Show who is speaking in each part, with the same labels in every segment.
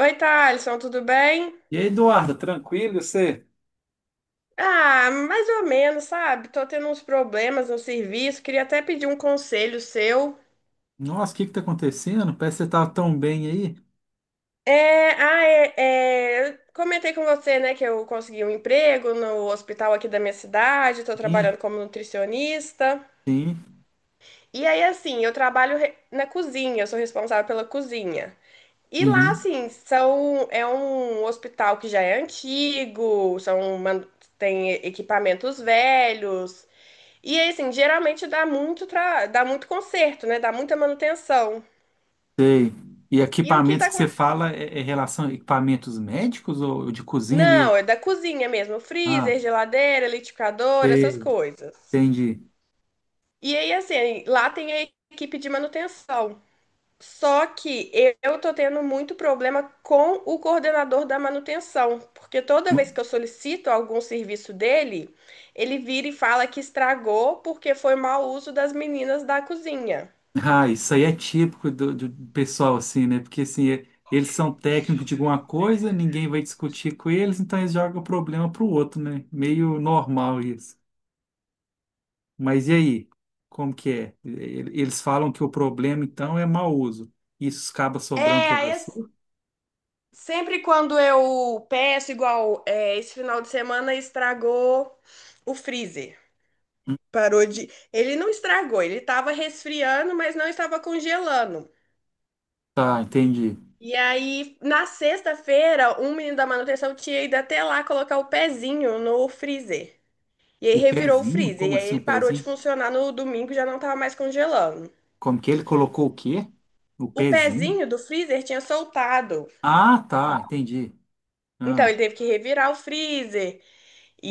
Speaker 1: Oi, Thalisson, tudo bem?
Speaker 2: E aí, Eduardo, tranquilo, e você?
Speaker 1: Ah, mais ou menos, sabe? Tô tendo uns problemas no serviço, queria até pedir um conselho seu.
Speaker 2: Nossa, o que que tá acontecendo? Parece que você tava tão bem aí.
Speaker 1: É, ah, é, é, eu comentei com você, né, que eu consegui um emprego no hospital aqui da minha cidade, tô
Speaker 2: Sim,
Speaker 1: trabalhando como nutricionista.
Speaker 2: sim.
Speaker 1: E aí, assim, eu trabalho na cozinha, eu sou responsável pela cozinha. E lá,
Speaker 2: Uhum,
Speaker 1: assim, são, é um hospital que já é antigo, são, tem equipamentos velhos. E aí, assim, geralmente dá muito conserto, né? Dá muita manutenção.
Speaker 2: sei. E
Speaker 1: E o que
Speaker 2: equipamentos
Speaker 1: tá
Speaker 2: que
Speaker 1: com...
Speaker 2: você fala é relação a equipamentos médicos ou de cozinha mesmo?
Speaker 1: Não, é da cozinha mesmo,
Speaker 2: Ah,
Speaker 1: freezer, geladeira, liquidificador, essas
Speaker 2: sei,
Speaker 1: coisas.
Speaker 2: entendi.
Speaker 1: E aí, assim, lá tem a equipe de manutenção. Só que eu tô tendo muito problema com o coordenador da manutenção, porque toda vez que eu solicito algum serviço dele, ele vira e fala que estragou porque foi mau uso das meninas da cozinha.
Speaker 2: Ah, isso aí é típico do pessoal, assim, né? Porque, assim, eles são técnicos de alguma coisa, ninguém vai discutir com eles, então eles jogam o problema pro outro, né? Meio normal isso. Mas e aí? Como que é? Eles falam que o problema então é mau uso. Isso acaba sobrando
Speaker 1: É,
Speaker 2: para
Speaker 1: aí
Speaker 2: você?
Speaker 1: assim, sempre quando eu peço, igual é, esse final de semana estragou o freezer. Parou de. Ele não estragou, ele estava resfriando, mas não estava congelando.
Speaker 2: Tá, entendi.
Speaker 1: E aí, na sexta-feira, um menino da manutenção tinha ido até lá colocar o pezinho no freezer. E aí
Speaker 2: O
Speaker 1: revirou o
Speaker 2: pezinho?
Speaker 1: freezer. E
Speaker 2: Como
Speaker 1: aí
Speaker 2: assim o
Speaker 1: ele parou de
Speaker 2: pezinho?
Speaker 1: funcionar no domingo, já não estava mais congelando.
Speaker 2: Como que ele colocou o quê? O
Speaker 1: O
Speaker 2: pezinho?
Speaker 1: pezinho do freezer tinha soltado.
Speaker 2: Ah, tá, entendi.
Speaker 1: Então
Speaker 2: Ah,
Speaker 1: ele teve que revirar o freezer.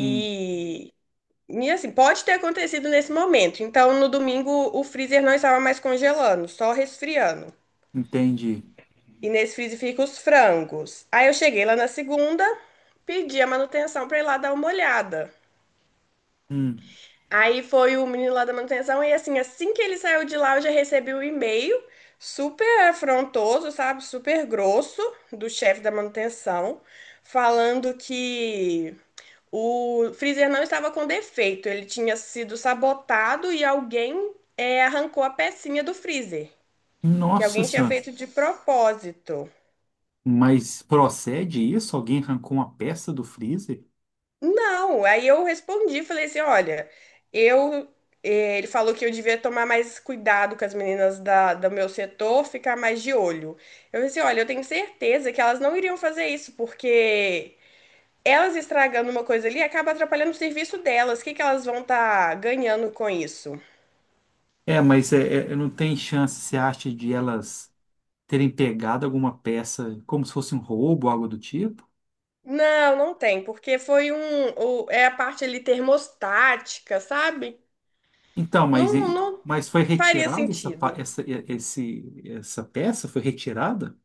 Speaker 2: sim,
Speaker 1: E assim, pode ter acontecido nesse momento. Então, no domingo, o freezer não estava mais congelando, só resfriando.
Speaker 2: entendi.
Speaker 1: E nesse freezer fica os frangos. Aí eu cheguei lá na segunda, pedi a manutenção para ir lá dar uma olhada.
Speaker 2: Hum.
Speaker 1: Aí foi o menino lá da manutenção e assim, assim que ele saiu de lá, eu já recebi o e-mail super afrontoso, sabe? Super grosso do chefe da manutenção, falando que o freezer não estava com defeito, ele tinha sido sabotado e alguém arrancou a pecinha do freezer, que
Speaker 2: Nossa
Speaker 1: alguém tinha
Speaker 2: Senhora.
Speaker 1: feito de propósito.
Speaker 2: Mas procede isso? Alguém arrancou uma peça do freezer?
Speaker 1: Não, aí eu respondi, falei assim, olha, eu, ele falou que eu devia tomar mais cuidado com as meninas da, do meu setor, ficar mais de olho. Eu disse, olha, eu tenho certeza que elas não iriam fazer isso, porque elas estragando uma coisa ali acaba atrapalhando o serviço delas. O que que elas vão estar ganhando com isso?
Speaker 2: É, mas não tem chance, você acha, de elas terem pegado alguma peça como se fosse um roubo, algo do tipo?
Speaker 1: Não, não tem, porque foi um, é a parte ali termostática, sabe?
Speaker 2: Então, mas,
Speaker 1: Não, não
Speaker 2: mas foi
Speaker 1: faria
Speaker 2: retirada essa, pa-
Speaker 1: sentido.
Speaker 2: essa, e- esse, essa peça? Foi retirada?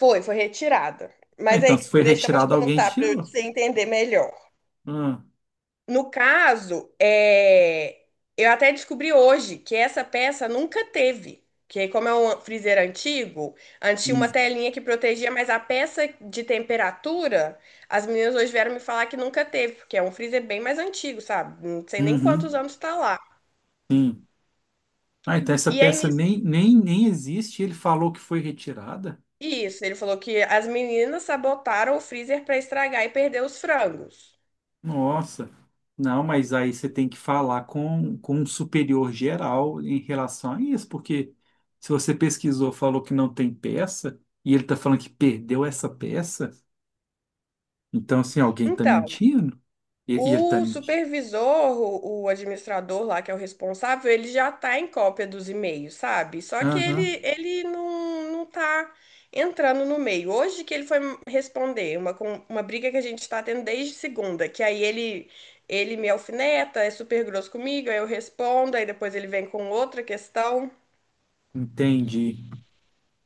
Speaker 1: Foi, foi retirada.
Speaker 2: Ah,
Speaker 1: Mas
Speaker 2: então,
Speaker 1: aí,
Speaker 2: se foi
Speaker 1: deixa eu te
Speaker 2: retirada, alguém
Speaker 1: contar para
Speaker 2: tirou.
Speaker 1: você entender melhor.
Speaker 2: Ah,
Speaker 1: No caso, é, eu até descobri hoje que essa peça nunca teve. Que como é um freezer antigo, antes tinha
Speaker 2: hum,
Speaker 1: uma telinha que protegia, mas a peça de temperatura, as meninas hoje vieram me falar que nunca teve, porque é um freezer bem mais antigo, sabe? Não sei nem quantos
Speaker 2: uhum,
Speaker 1: anos está lá.
Speaker 2: sim. Ah, então essa
Speaker 1: E aí,
Speaker 2: peça
Speaker 1: nisso-
Speaker 2: nem existe. Ele falou que foi retirada?
Speaker 1: isso, ele falou que as meninas sabotaram o freezer para estragar e perder os frangos.
Speaker 2: Nossa. Não, mas aí você tem que falar com um superior geral em relação a isso, porque se você pesquisou, falou que não tem peça, e ele está falando que perdeu essa peça, então, assim, alguém está
Speaker 1: Então,
Speaker 2: mentindo? E ele está
Speaker 1: o
Speaker 2: mentindo.
Speaker 1: supervisor, o administrador lá, que é o responsável, ele já tá em cópia dos e-mails, sabe? Só que
Speaker 2: Aham,
Speaker 1: ele não tá entrando no meio. Hoje que ele foi responder uma, uma briga que a gente tá tendo desde segunda, que aí ele me alfineta, é super grosso comigo, aí eu respondo, aí depois ele vem com outra questão.
Speaker 2: entendi.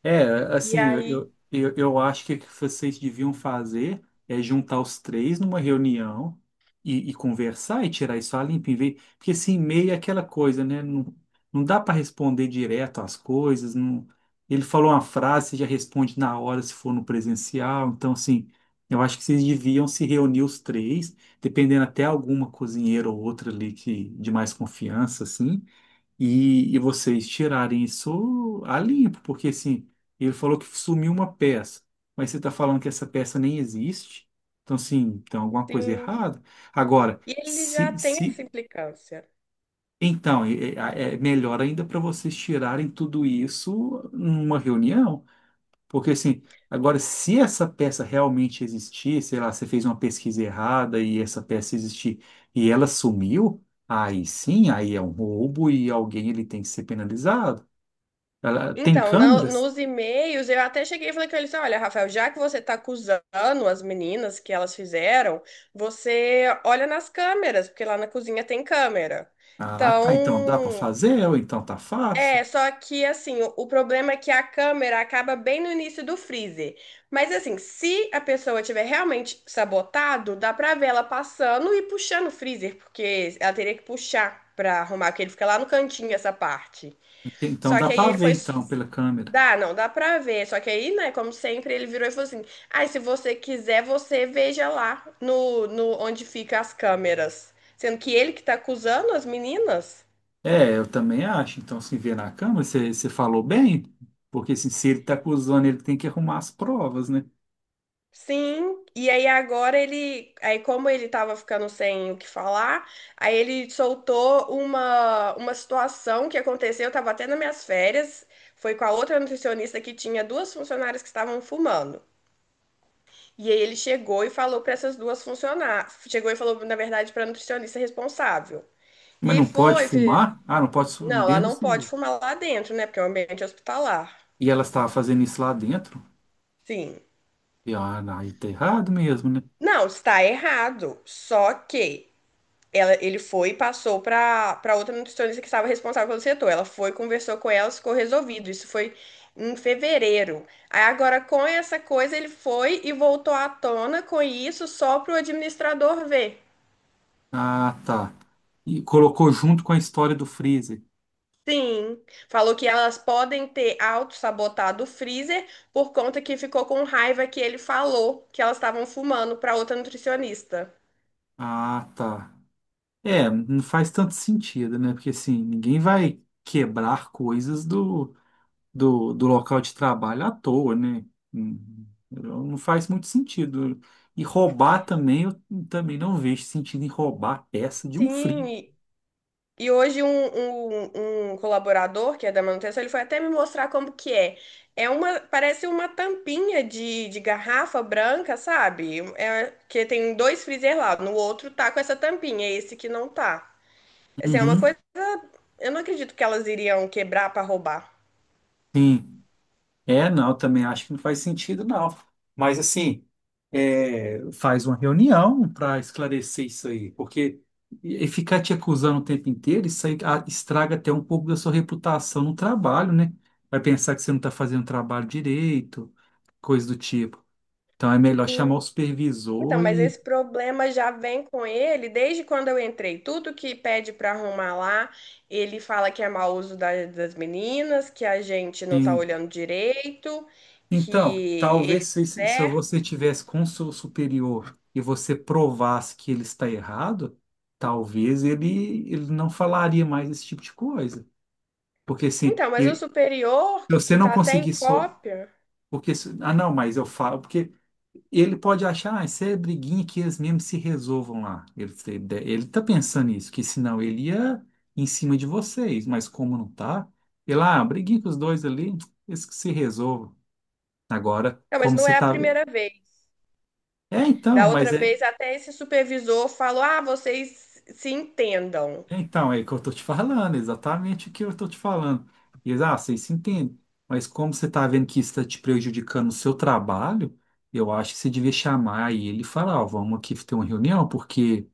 Speaker 2: É,
Speaker 1: E
Speaker 2: assim, eu,
Speaker 1: aí,
Speaker 2: eu, eu eu acho que o que vocês deviam fazer é juntar os três numa reunião e conversar e tirar isso a limpo, em vez, porque assim, e-mail é aquela coisa, né? Não, não dá para responder direto às coisas, não, ele falou uma frase, você já responde na hora se for no presencial, então assim, eu acho que vocês deviam se reunir os três, dependendo até alguma cozinheira ou outra ali que, de mais confiança, assim, e vocês tirarem isso a limpo, porque assim, ele falou que sumiu uma peça, mas você está falando que essa peça nem existe, então assim, tem alguma coisa
Speaker 1: sim.
Speaker 2: errada. Agora,
Speaker 1: E ele já
Speaker 2: se,
Speaker 1: tem essa
Speaker 2: se
Speaker 1: implicância.
Speaker 2: então, é melhor ainda para vocês tirarem tudo isso numa reunião, porque assim, agora, se essa peça realmente existir, sei lá, você fez uma pesquisa errada e essa peça existir e ela sumiu, aí sim, aí é um roubo e alguém ele tem que ser penalizado. Ela tem
Speaker 1: Então,
Speaker 2: câmeras?
Speaker 1: nos e-mails, eu até cheguei e falei com ele assim, olha, Rafael, já que você está acusando as meninas que elas fizeram, você olha nas câmeras, porque lá na cozinha tem câmera.
Speaker 2: Ah, tá. Então dá para
Speaker 1: Então,
Speaker 2: fazer, ou então tá fácil.
Speaker 1: é, só que assim, o problema é que a câmera acaba bem no início do freezer. Mas assim, se a pessoa tiver realmente sabotado, dá pra ver ela passando e puxando o freezer, porque ela teria que puxar pra arrumar, porque ele fica lá no cantinho essa parte.
Speaker 2: Então
Speaker 1: Só
Speaker 2: dá
Speaker 1: que aí
Speaker 2: para
Speaker 1: ele
Speaker 2: ver
Speaker 1: foi.
Speaker 2: então pela câmera.
Speaker 1: Dá, não, dá pra ver. Só que aí, né, como sempre, ele virou e falou assim: ai, se você quiser, você veja lá no onde fica as câmeras. Sendo que ele que tá acusando as meninas.
Speaker 2: É, eu também acho. Então se vê na câmera, você falou bem, porque assim, se ele tá acusando, ele tem que arrumar as provas, né?
Speaker 1: Sim. E aí agora ele. Aí, como ele tava ficando sem o que falar, aí ele soltou uma situação que aconteceu, eu tava até nas minhas férias. Foi com a outra nutricionista que tinha duas funcionárias que estavam fumando. E aí ele chegou e falou para essas duas funcionárias, chegou e falou, na verdade, para a nutricionista responsável. E
Speaker 2: Mas
Speaker 1: aí
Speaker 2: não pode fumar? Ah, não pode
Speaker 1: não, ela
Speaker 2: dentro do
Speaker 1: não pode
Speaker 2: civil.
Speaker 1: fumar lá dentro, né? Porque é um ambiente hospitalar.
Speaker 2: E ela estava fazendo isso lá dentro?
Speaker 1: Sim.
Speaker 2: E ah, não, aí tá errado mesmo, né?
Speaker 1: Não, está errado. Só que ela, ele foi e passou para outra nutricionista que estava responsável pelo setor. Ela foi, conversou com ela, ficou resolvido. Isso foi em fevereiro. Aí agora com essa coisa ele foi e voltou à tona com isso só para o administrador ver.
Speaker 2: Ah, tá. E colocou junto com a história do freezer.
Speaker 1: Sim, falou que elas podem ter auto-sabotado o freezer por conta que ficou com raiva que ele falou que elas estavam fumando para outra nutricionista.
Speaker 2: Ah, tá. É, não faz tanto sentido, né? Porque assim, ninguém vai quebrar coisas do local de trabalho à toa, né? Não faz muito sentido. E roubar também, eu também não vejo sentido em roubar peça de um
Speaker 1: Sim,
Speaker 2: frio.
Speaker 1: e hoje um colaborador que é da manutenção, ele foi até me mostrar como que é. É uma, parece uma tampinha de garrafa branca, sabe? É, que tem dois freezer lá, no outro tá com essa tampinha, é esse que não tá. Assim, é uma
Speaker 2: Uhum.
Speaker 1: coisa, eu não acredito que elas iriam quebrar para roubar.
Speaker 2: Sim. É, não, também acho que não faz sentido, não. Mas, assim, é, faz uma reunião para esclarecer isso aí, porque e ficar te acusando o tempo inteiro, isso aí ah, estraga até um pouco da sua reputação no trabalho, né? Vai pensar que você não está fazendo o trabalho direito, coisa do tipo. Então, é melhor chamar o
Speaker 1: Então,
Speaker 2: supervisor
Speaker 1: mas esse
Speaker 2: e,
Speaker 1: problema já vem com ele desde quando eu entrei. Tudo que pede para arrumar lá, ele fala que é mau uso das meninas, que a gente não tá
Speaker 2: assim,
Speaker 1: olhando direito,
Speaker 2: então,
Speaker 1: que
Speaker 2: talvez
Speaker 1: ele tá
Speaker 2: se você
Speaker 1: certo.
Speaker 2: tivesse com seu superior e você provasse que ele está errado, talvez ele não falaria mais esse tipo de coisa. Porque assim,
Speaker 1: Então, mas o
Speaker 2: ele,
Speaker 1: superior,
Speaker 2: se você
Speaker 1: que
Speaker 2: não
Speaker 1: tá até em
Speaker 2: conseguir só.
Speaker 1: cópia.
Speaker 2: Porque, ah, não, mas eu falo. Porque ele pode achar, ah, isso é briguinha que eles mesmos se resolvam lá. Ele tá pensando isso, que senão ele ia em cima de vocês. Mas como não tá, ele, ah, briguinha com os dois ali, eles que se resolvam. Agora,
Speaker 1: Não, mas
Speaker 2: como
Speaker 1: não
Speaker 2: se
Speaker 1: é a
Speaker 2: tá.
Speaker 1: primeira vez.
Speaker 2: É, então,
Speaker 1: Da
Speaker 2: mas
Speaker 1: outra
Speaker 2: é,
Speaker 1: vez, até esse supervisor falou: ah, vocês se entendam.
Speaker 2: é então, é o que eu tô te falando, exatamente o que eu tô te falando. E eles, ah, vocês se entendem, mas como você tá vendo que isso tá te prejudicando o seu trabalho, eu acho que você devia chamar ele e falar, ó, vamos aqui ter uma reunião, porque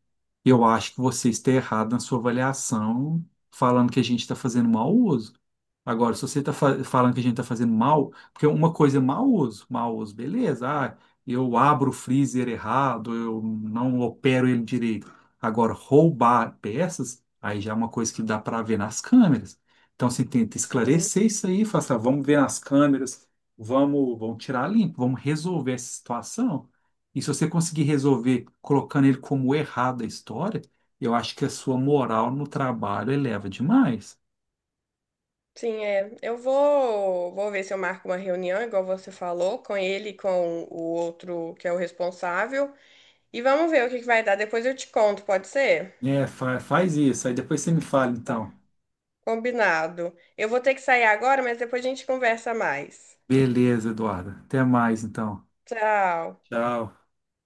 Speaker 2: eu acho que você está errado na sua avaliação, falando que a gente está fazendo mau uso. Agora, se você está falando que a gente está fazendo mal, porque uma coisa é mau uso, beleza, ah, eu abro o freezer errado, eu não opero ele direito. Agora, roubar peças, aí já é uma coisa que dá para ver nas câmeras. Então, você tenta esclarecer isso aí, fala assim, "Ah, vamos ver nas câmeras, vamos tirar limpo, vamos resolver essa situação." E se você conseguir resolver colocando ele como errado a história, eu acho que a sua moral no trabalho eleva demais.
Speaker 1: Sim, é. Eu vou, vou ver se eu marco uma reunião, igual você falou, com ele e com o outro que é o responsável. E vamos ver o que que vai dar. Depois eu te conto, pode ser?
Speaker 2: É, faz isso. Aí depois você me fala,
Speaker 1: Tá.
Speaker 2: então.
Speaker 1: Combinado. Eu vou ter que sair agora, mas depois a gente conversa mais.
Speaker 2: Beleza, Eduardo. Até mais, então.
Speaker 1: Tchau.
Speaker 2: Tchau.